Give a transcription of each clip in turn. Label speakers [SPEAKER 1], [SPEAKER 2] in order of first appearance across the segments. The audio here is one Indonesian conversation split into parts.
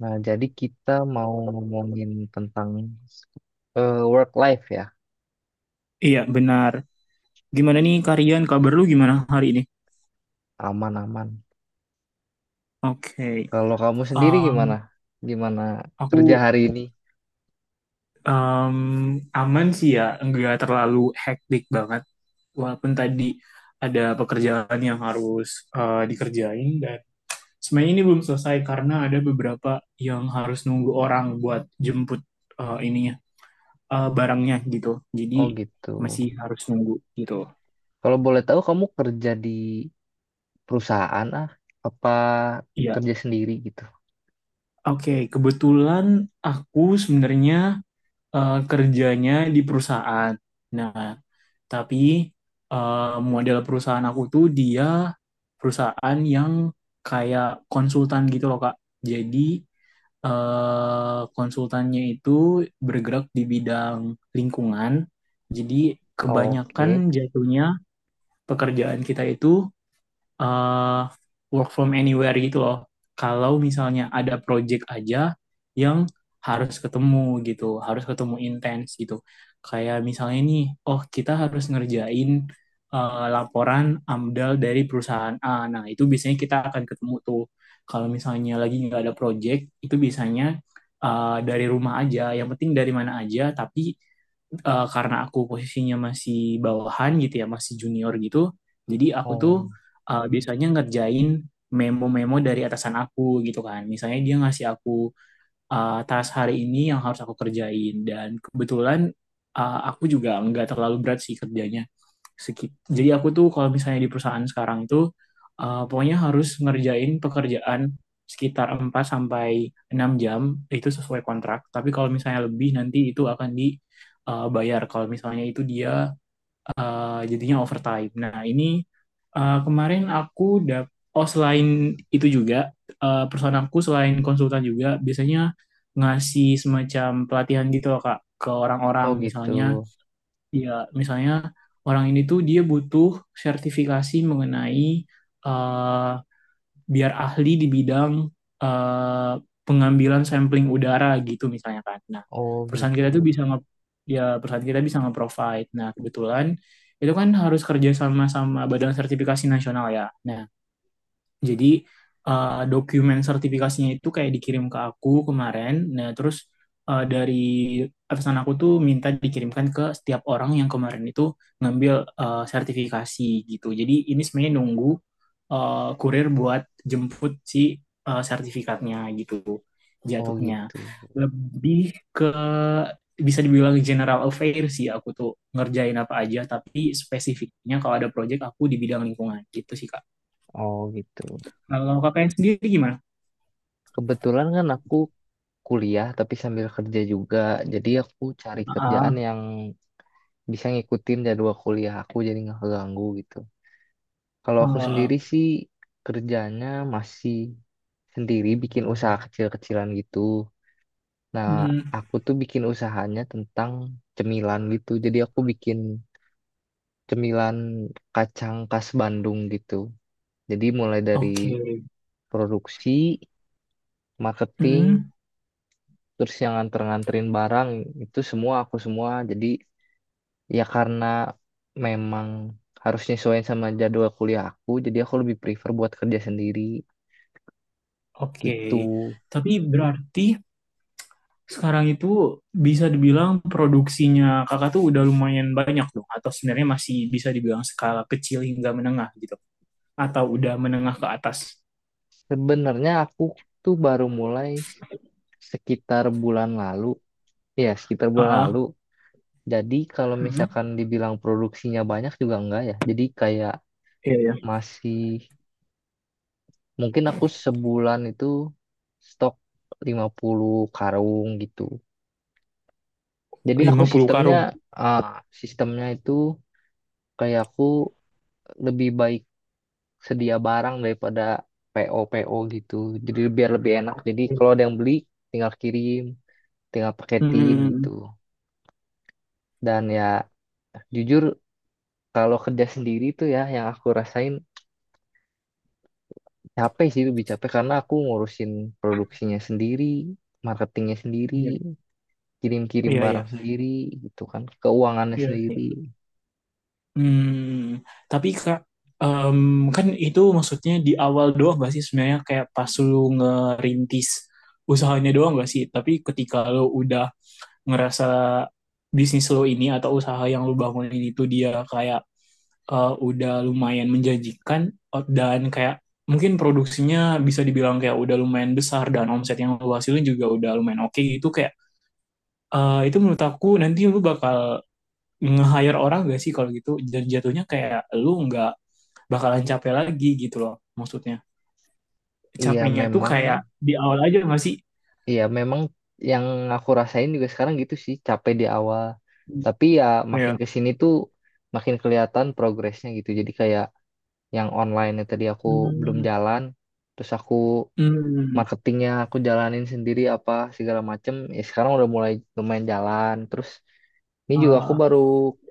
[SPEAKER 1] Nah, jadi kita mau ngomongin tentang work life ya,
[SPEAKER 2] Iya, benar. Gimana nih Karian, kabar lu gimana hari ini?
[SPEAKER 1] aman-aman.
[SPEAKER 2] Oke.
[SPEAKER 1] Kalau kamu sendiri gimana?
[SPEAKER 2] Um,
[SPEAKER 1] Gimana kerja
[SPEAKER 2] aku
[SPEAKER 1] hari ini?
[SPEAKER 2] um, aman sih ya, enggak terlalu hektik banget. Walaupun tadi ada pekerjaan yang harus dikerjain dan sebenarnya ini belum selesai karena ada beberapa yang harus nunggu orang buat jemput ininya, barangnya gitu.
[SPEAKER 1] Oh
[SPEAKER 2] Jadi
[SPEAKER 1] gitu.
[SPEAKER 2] masih harus nunggu gitu.
[SPEAKER 1] Kalau boleh tahu kamu kerja di perusahaan apa
[SPEAKER 2] Iya.
[SPEAKER 1] kerja sendiri gitu?
[SPEAKER 2] Oke, kebetulan aku sebenarnya kerjanya di perusahaan. Nah, tapi eh, model perusahaan aku tuh dia perusahaan yang kayak konsultan gitu loh, Kak. Jadi konsultannya itu bergerak di bidang lingkungan. Jadi kebanyakan
[SPEAKER 1] Oke.
[SPEAKER 2] jatuhnya pekerjaan kita itu eh, work from anywhere gitu loh. Kalau misalnya ada project aja yang harus ketemu gitu, harus ketemu intens gitu. Kayak misalnya nih, oh kita harus ngerjain laporan AMDAL dari perusahaan A. Nah, itu biasanya kita akan ketemu tuh. Kalau misalnya lagi nggak ada project, itu biasanya dari rumah aja. Yang penting dari mana aja, tapi karena aku posisinya masih bawahan gitu ya, masih junior gitu. Jadi aku tuh
[SPEAKER 1] Oh,
[SPEAKER 2] biasanya ngerjain memo-memo dari atasan aku gitu kan. Misalnya dia ngasih aku task hari ini yang harus aku kerjain dan kebetulan aku juga nggak terlalu berat sih kerjanya. Jadi aku tuh kalau misalnya di perusahaan sekarang itu pokoknya harus ngerjain pekerjaan sekitar 4 sampai 6 jam itu sesuai kontrak. Tapi kalau misalnya lebih nanti itu akan dibayar kalau misalnya itu dia jadinya overtime. Nah, ini kemarin aku oh selain itu juga perusahaan aku selain konsultan juga biasanya ngasih semacam pelatihan gitu loh Kak ke
[SPEAKER 1] oh
[SPEAKER 2] orang-orang
[SPEAKER 1] gitu.
[SPEAKER 2] misalnya ya misalnya orang ini tuh dia butuh sertifikasi mengenai eh, biar ahli di bidang eh, pengambilan sampling udara gitu misalnya kan. Nah,
[SPEAKER 1] Oh
[SPEAKER 2] perusahaan
[SPEAKER 1] gitu.
[SPEAKER 2] kita tuh bisa nge ya perusahaan kita bisa nge-provide. Nah, kebetulan itu kan harus kerja sama sama Badan Sertifikasi Nasional ya. Nah, jadi dokumen sertifikasinya itu kayak dikirim ke aku kemarin. Nah, terus dari atasan aku tuh minta dikirimkan ke setiap orang yang kemarin itu ngambil sertifikasi gitu. Jadi ini sebenarnya nunggu kurir buat jemput si sertifikatnya gitu
[SPEAKER 1] Oh
[SPEAKER 2] jatuhnya.
[SPEAKER 1] gitu.
[SPEAKER 2] Lebih ke bisa dibilang general affair sih aku tuh ngerjain apa aja tapi spesifiknya kalau ada project aku di bidang lingkungan gitu sih Kak.
[SPEAKER 1] Oh gitu.
[SPEAKER 2] Kalau kakaknya sendiri gimana?
[SPEAKER 1] Kebetulan kan aku kuliah tapi sambil kerja juga. Jadi aku cari
[SPEAKER 2] Ah,
[SPEAKER 1] kerjaan yang bisa ngikutin jadwal kuliah aku jadi nggak keganggu gitu. Kalau
[SPEAKER 2] ah,
[SPEAKER 1] aku sendiri
[SPEAKER 2] ah.
[SPEAKER 1] sih kerjanya masih sendiri bikin usaha kecil-kecilan gitu. Nah,
[SPEAKER 2] Hmm,
[SPEAKER 1] aku tuh bikin usahanya tentang cemilan gitu. Jadi aku bikin cemilan kacang khas Bandung gitu. Jadi mulai dari
[SPEAKER 2] oke.
[SPEAKER 1] produksi, marketing,
[SPEAKER 2] Hmm,
[SPEAKER 1] terus yang nganter-nganterin barang itu semua aku semua. Jadi ya karena memang harus nyesuaiin sama jadwal kuliah aku, jadi aku lebih prefer buat kerja sendiri.
[SPEAKER 2] oke.
[SPEAKER 1] Itu
[SPEAKER 2] Tapi berarti sekarang itu bisa dibilang produksinya kakak tuh udah lumayan banyak dong, atau sebenarnya masih bisa dibilang skala kecil hingga menengah gitu, atau udah menengah ke atas.
[SPEAKER 1] sebenarnya aku tuh baru mulai sekitar bulan lalu, ya sekitar
[SPEAKER 2] Ah,
[SPEAKER 1] bulan lalu.
[SPEAKER 2] ah.
[SPEAKER 1] Jadi kalau
[SPEAKER 2] Hmm,
[SPEAKER 1] misalkan dibilang produksinya banyak juga enggak ya. Jadi kayak
[SPEAKER 2] iya ya,
[SPEAKER 1] masih mungkin aku sebulan itu stok 50 karung gitu. Jadi aku
[SPEAKER 2] 50 karung.
[SPEAKER 1] ah, sistemnya itu kayak aku lebih baik sedia barang daripada PO PO gitu. Jadi biar lebih enak. Jadi kalau ada yang beli tinggal kirim, tinggal paketin gitu.
[SPEAKER 2] Hmm,
[SPEAKER 1] Dan ya jujur kalau kerja sendiri tuh ya yang aku rasain capek sih lebih capek karena aku ngurusin produksinya sendiri, marketingnya sendiri,
[SPEAKER 2] iya,
[SPEAKER 1] kirim-kirim
[SPEAKER 2] iya,
[SPEAKER 1] barang
[SPEAKER 2] iya.
[SPEAKER 1] sendiri gitu kan, keuangannya
[SPEAKER 2] Iya sih.
[SPEAKER 1] sendiri.
[SPEAKER 2] Hmm, tapi Kak, em, kan itu maksudnya di awal doang gak sih sebenarnya kayak pas lu ngerintis usahanya doang gak sih? Tapi ketika lu udah ngerasa bisnis lo ini atau usaha yang lu bangunin itu dia kayak udah lumayan menjanjikan dan kayak mungkin produksinya bisa dibilang kayak udah lumayan besar dan omset yang lu hasilin juga udah lumayan oke gitu kayak itu menurut aku nanti lu bakal nge-hire orang gak sih kalau gitu dan jatuhnya kayak lu nggak bakalan capek lagi gitu loh maksudnya
[SPEAKER 1] Iya
[SPEAKER 2] capeknya tuh
[SPEAKER 1] memang
[SPEAKER 2] kayak di awal aja gak sih
[SPEAKER 1] Iya, memang yang aku rasain juga sekarang gitu sih, capek di awal. Tapi ya makin
[SPEAKER 2] ya.
[SPEAKER 1] ke sini tuh makin kelihatan progresnya gitu. Jadi kayak yang online tadi aku belum
[SPEAKER 2] Hmm,
[SPEAKER 1] jalan, terus aku
[SPEAKER 2] hmm,
[SPEAKER 1] marketingnya aku jalanin sendiri apa segala macem. Ya sekarang udah mulai lumayan jalan. Terus ini juga aku
[SPEAKER 2] ah,
[SPEAKER 1] baru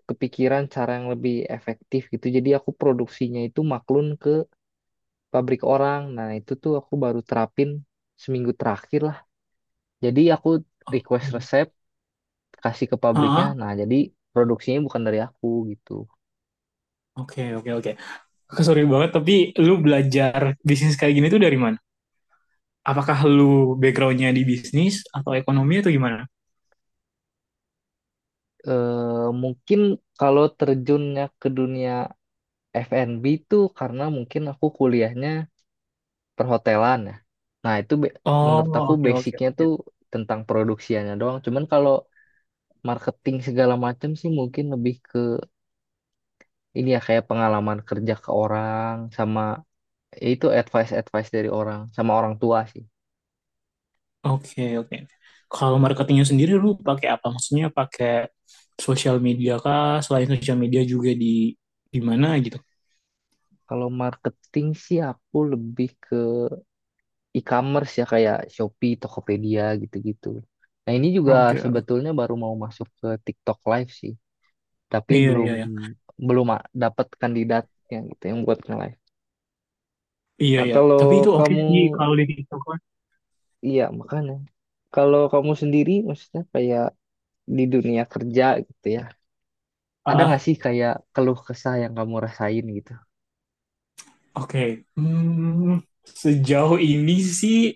[SPEAKER 1] kepikiran cara yang lebih efektif gitu. Jadi aku produksinya itu maklun ke pabrik orang. Nah, itu tuh aku baru terapin seminggu terakhir lah. Jadi aku request resep kasih ke pabriknya.
[SPEAKER 2] ah,
[SPEAKER 1] Nah, jadi produksinya bukan dari aku gitu.
[SPEAKER 2] oke oke oke, sorry banget tapi lu belajar bisnis kayak gini tuh dari mana, apakah lu backgroundnya di bisnis atau ekonomi atau gimana?
[SPEAKER 1] Mungkin kalau terjunnya ke dunia F&B itu karena mungkin aku kuliahnya perhotelan ya. Nah, itu menurut aku
[SPEAKER 2] Oh, oke oke
[SPEAKER 1] basicnya
[SPEAKER 2] oke.
[SPEAKER 1] tuh tentang produksiannya doang. Cuman kalau marketing segala macam sih mungkin lebih ke ini ya kayak pengalaman kerja ke orang sama ya itu advice-advice dari orang sama orang tua sih.
[SPEAKER 2] Oke, oke. Kalau marketingnya sendiri lu pakai apa? Maksudnya pakai sosial media kah? Selain sosial media juga di mana gitu?
[SPEAKER 1] Kalau marketing sih aku lebih e-commerce ya kayak Shopee, Tokopedia gitu-gitu. Nah, ini juga
[SPEAKER 2] Oke, oke.
[SPEAKER 1] sebetulnya baru mau masuk ke TikTok Live sih, tapi
[SPEAKER 2] Iya,
[SPEAKER 1] belum
[SPEAKER 2] iya, iya.
[SPEAKER 1] belum dapat kandidatnya gitu yang buat nge-live.
[SPEAKER 2] Iya,
[SPEAKER 1] Nah,
[SPEAKER 2] iya.
[SPEAKER 1] kalau
[SPEAKER 2] Tapi itu oke
[SPEAKER 1] kamu
[SPEAKER 2] sih kalau di TikTok kan.
[SPEAKER 1] iya makanya kalau kamu sendiri maksudnya kayak di dunia kerja gitu ya. Ada nggak
[SPEAKER 2] Ah,
[SPEAKER 1] sih kayak keluh kesah yang kamu rasain gitu?
[SPEAKER 2] oke. Hmm, sejauh ini sih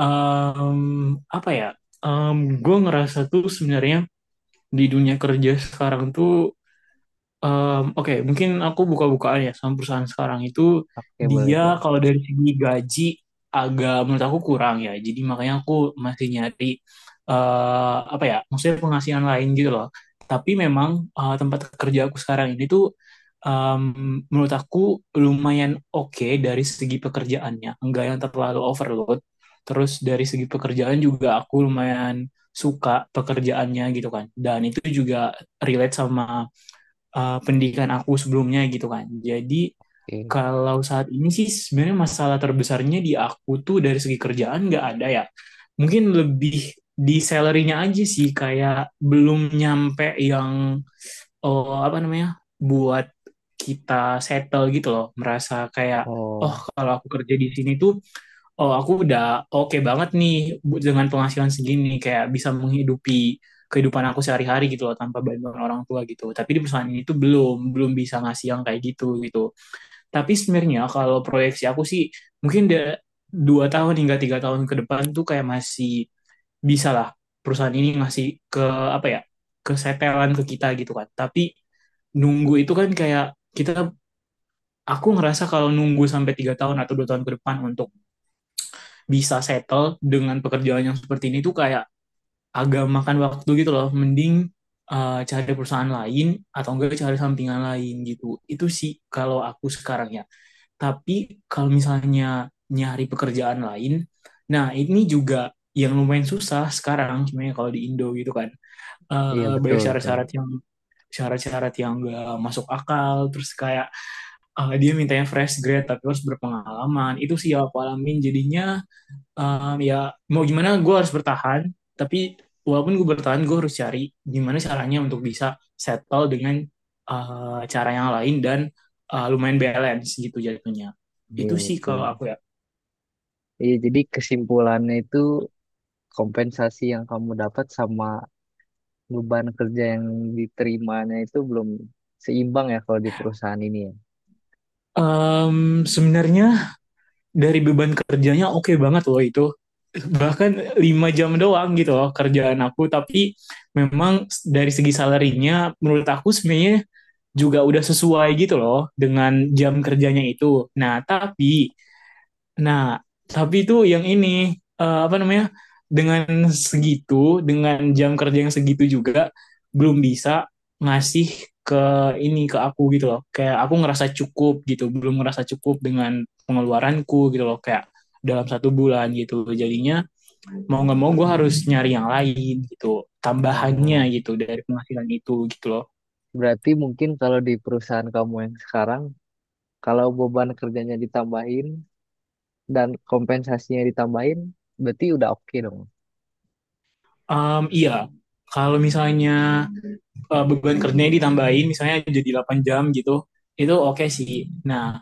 [SPEAKER 2] em, apa ya? Em, gue ngerasa tuh sebenarnya di dunia kerja sekarang tuh Mmm, oke, mungkin aku buka-bukaan ya sama perusahaan sekarang itu
[SPEAKER 1] Oke, boleh,
[SPEAKER 2] dia
[SPEAKER 1] boleh.
[SPEAKER 2] kalau dari segi gaji agak menurut aku kurang ya. Jadi makanya aku masih nyari eh apa ya, maksudnya penghasilan lain gitu loh. Tapi memang tempat kerja aku sekarang ini tuh em, menurut aku lumayan oke dari segi pekerjaannya. Enggak yang terlalu overload. Terus dari segi pekerjaan juga aku lumayan suka pekerjaannya gitu kan. Dan itu juga relate sama pendidikan aku sebelumnya gitu kan. Jadi
[SPEAKER 1] Oke.
[SPEAKER 2] kalau saat ini sih sebenarnya masalah terbesarnya di aku tuh dari segi kerjaan nggak ada ya. Mungkin lebih di salary-nya aja sih kayak belum nyampe yang oh, apa namanya buat kita settle gitu loh merasa kayak oh
[SPEAKER 1] Oh,
[SPEAKER 2] kalau aku kerja di sini tuh oh aku udah oke banget nih dengan penghasilan segini kayak bisa menghidupi kehidupan aku sehari-hari gitu loh tanpa bantuan orang tua gitu. Tapi di perusahaan ini tuh belum belum bisa ngasih yang kayak gitu gitu. Tapi sebenarnya kalau proyeksi aku sih mungkin 2 tahun hingga 3 tahun ke depan tuh kayak masih bisa lah perusahaan ini ngasih ke apa ya kesetelan ke kita gitu kan. Tapi nunggu itu kan kayak kita aku ngerasa kalau nunggu sampai 3 tahun atau 2 tahun ke depan untuk bisa settle dengan pekerjaan yang seperti ini tuh kayak agak makan waktu gitu loh. Mending cari perusahaan lain atau enggak cari sampingan lain gitu. Itu sih kalau aku sekarang ya. Tapi kalau misalnya nyari pekerjaan lain, nah ini juga yang lumayan susah sekarang sebenarnya kalau di Indo gitu kan.
[SPEAKER 1] iya
[SPEAKER 2] Eh, banyak
[SPEAKER 1] betul, betul.
[SPEAKER 2] syarat-syarat yang enggak masuk akal terus kayak dia mintanya fresh grade tapi harus berpengalaman itu sih yang aku alamin jadinya. Ya mau gimana gue harus bertahan tapi walaupun gue bertahan gue harus cari gimana caranya untuk bisa settle dengan cara yang lain dan lumayan balance gitu jatuhnya
[SPEAKER 1] Iya
[SPEAKER 2] itu sih
[SPEAKER 1] betul.
[SPEAKER 2] kalau aku ya.
[SPEAKER 1] Iya, jadi kesimpulannya itu kompensasi yang kamu dapat sama beban kerja yang diterimanya itu belum seimbang ya kalau di perusahaan ini ya.
[SPEAKER 2] Sebenarnya dari beban kerjanya oke banget loh itu bahkan 5 jam doang gitu loh kerjaan aku tapi memang dari segi salarinya menurut aku sebenarnya juga udah sesuai gitu loh dengan jam kerjanya itu nah tapi Nah, tapi itu yang ini apa namanya? Dengan segitu, dengan jam kerja yang segitu juga belum bisa ngasih ke ini ke aku gitu loh. Kayak aku ngerasa cukup gitu, belum ngerasa cukup dengan pengeluaranku gitu loh. Kayak dalam 1 bulan gitu. Jadinya mau nggak mau gue harus nyari yang lain gitu, tambahannya
[SPEAKER 1] Oh,
[SPEAKER 2] gitu dari penghasilan itu gitu loh.
[SPEAKER 1] berarti mungkin kalau di perusahaan kamu yang sekarang, kalau beban kerjanya ditambahin dan kompensasinya ditambahin, berarti udah oke dong.
[SPEAKER 2] Iya, kalau misalnya beban kerjanya ditambahin misalnya jadi 8 jam gitu itu oke okay sih nah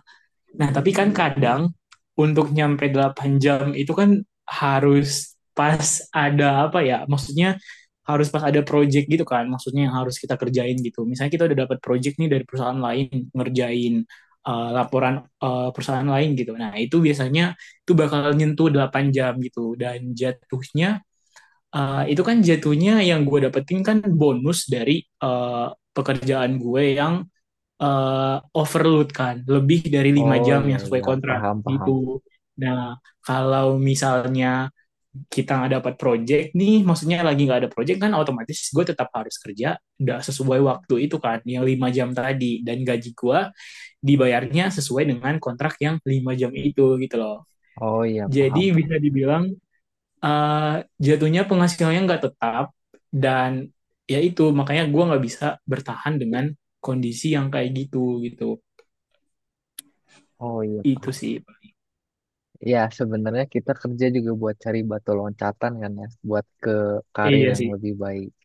[SPEAKER 2] nah tapi kan kadang untuk nyampe 8 jam itu kan harus pas ada apa ya maksudnya harus pas ada project gitu kan maksudnya yang harus kita kerjain gitu misalnya kita udah dapat project nih dari perusahaan lain ngerjain laporan perusahaan lain gitu nah itu biasanya itu bakal nyentuh 8 jam gitu dan jatuhnya itu kan jatuhnya yang gue dapetin kan bonus dari pekerjaan gue yang overload kan lebih dari lima
[SPEAKER 1] Oh
[SPEAKER 2] jam
[SPEAKER 1] iya
[SPEAKER 2] yang sesuai
[SPEAKER 1] iya
[SPEAKER 2] kontrak
[SPEAKER 1] paham paham.
[SPEAKER 2] gitu. Nah, kalau misalnya kita nggak dapat project nih, maksudnya lagi nggak ada project kan otomatis gue tetap harus kerja nggak sesuai waktu itu kan, yang 5 jam tadi. Dan gaji gue dibayarnya sesuai dengan kontrak yang 5 jam itu gitu loh.
[SPEAKER 1] Oh iya
[SPEAKER 2] Jadi
[SPEAKER 1] paham paham.
[SPEAKER 2] bisa dibilang eh, jatuhnya penghasilannya nggak tetap dan ya itu makanya gue nggak bisa bertahan dengan kondisi yang kayak gitu gitu
[SPEAKER 1] Oh iya
[SPEAKER 2] itu
[SPEAKER 1] paham.
[SPEAKER 2] sih Pak.
[SPEAKER 1] Ya sebenarnya kita kerja juga buat cari batu loncatan kan ya, buat ke
[SPEAKER 2] Eh,
[SPEAKER 1] karir
[SPEAKER 2] iya
[SPEAKER 1] yang
[SPEAKER 2] sih
[SPEAKER 1] lebih baik.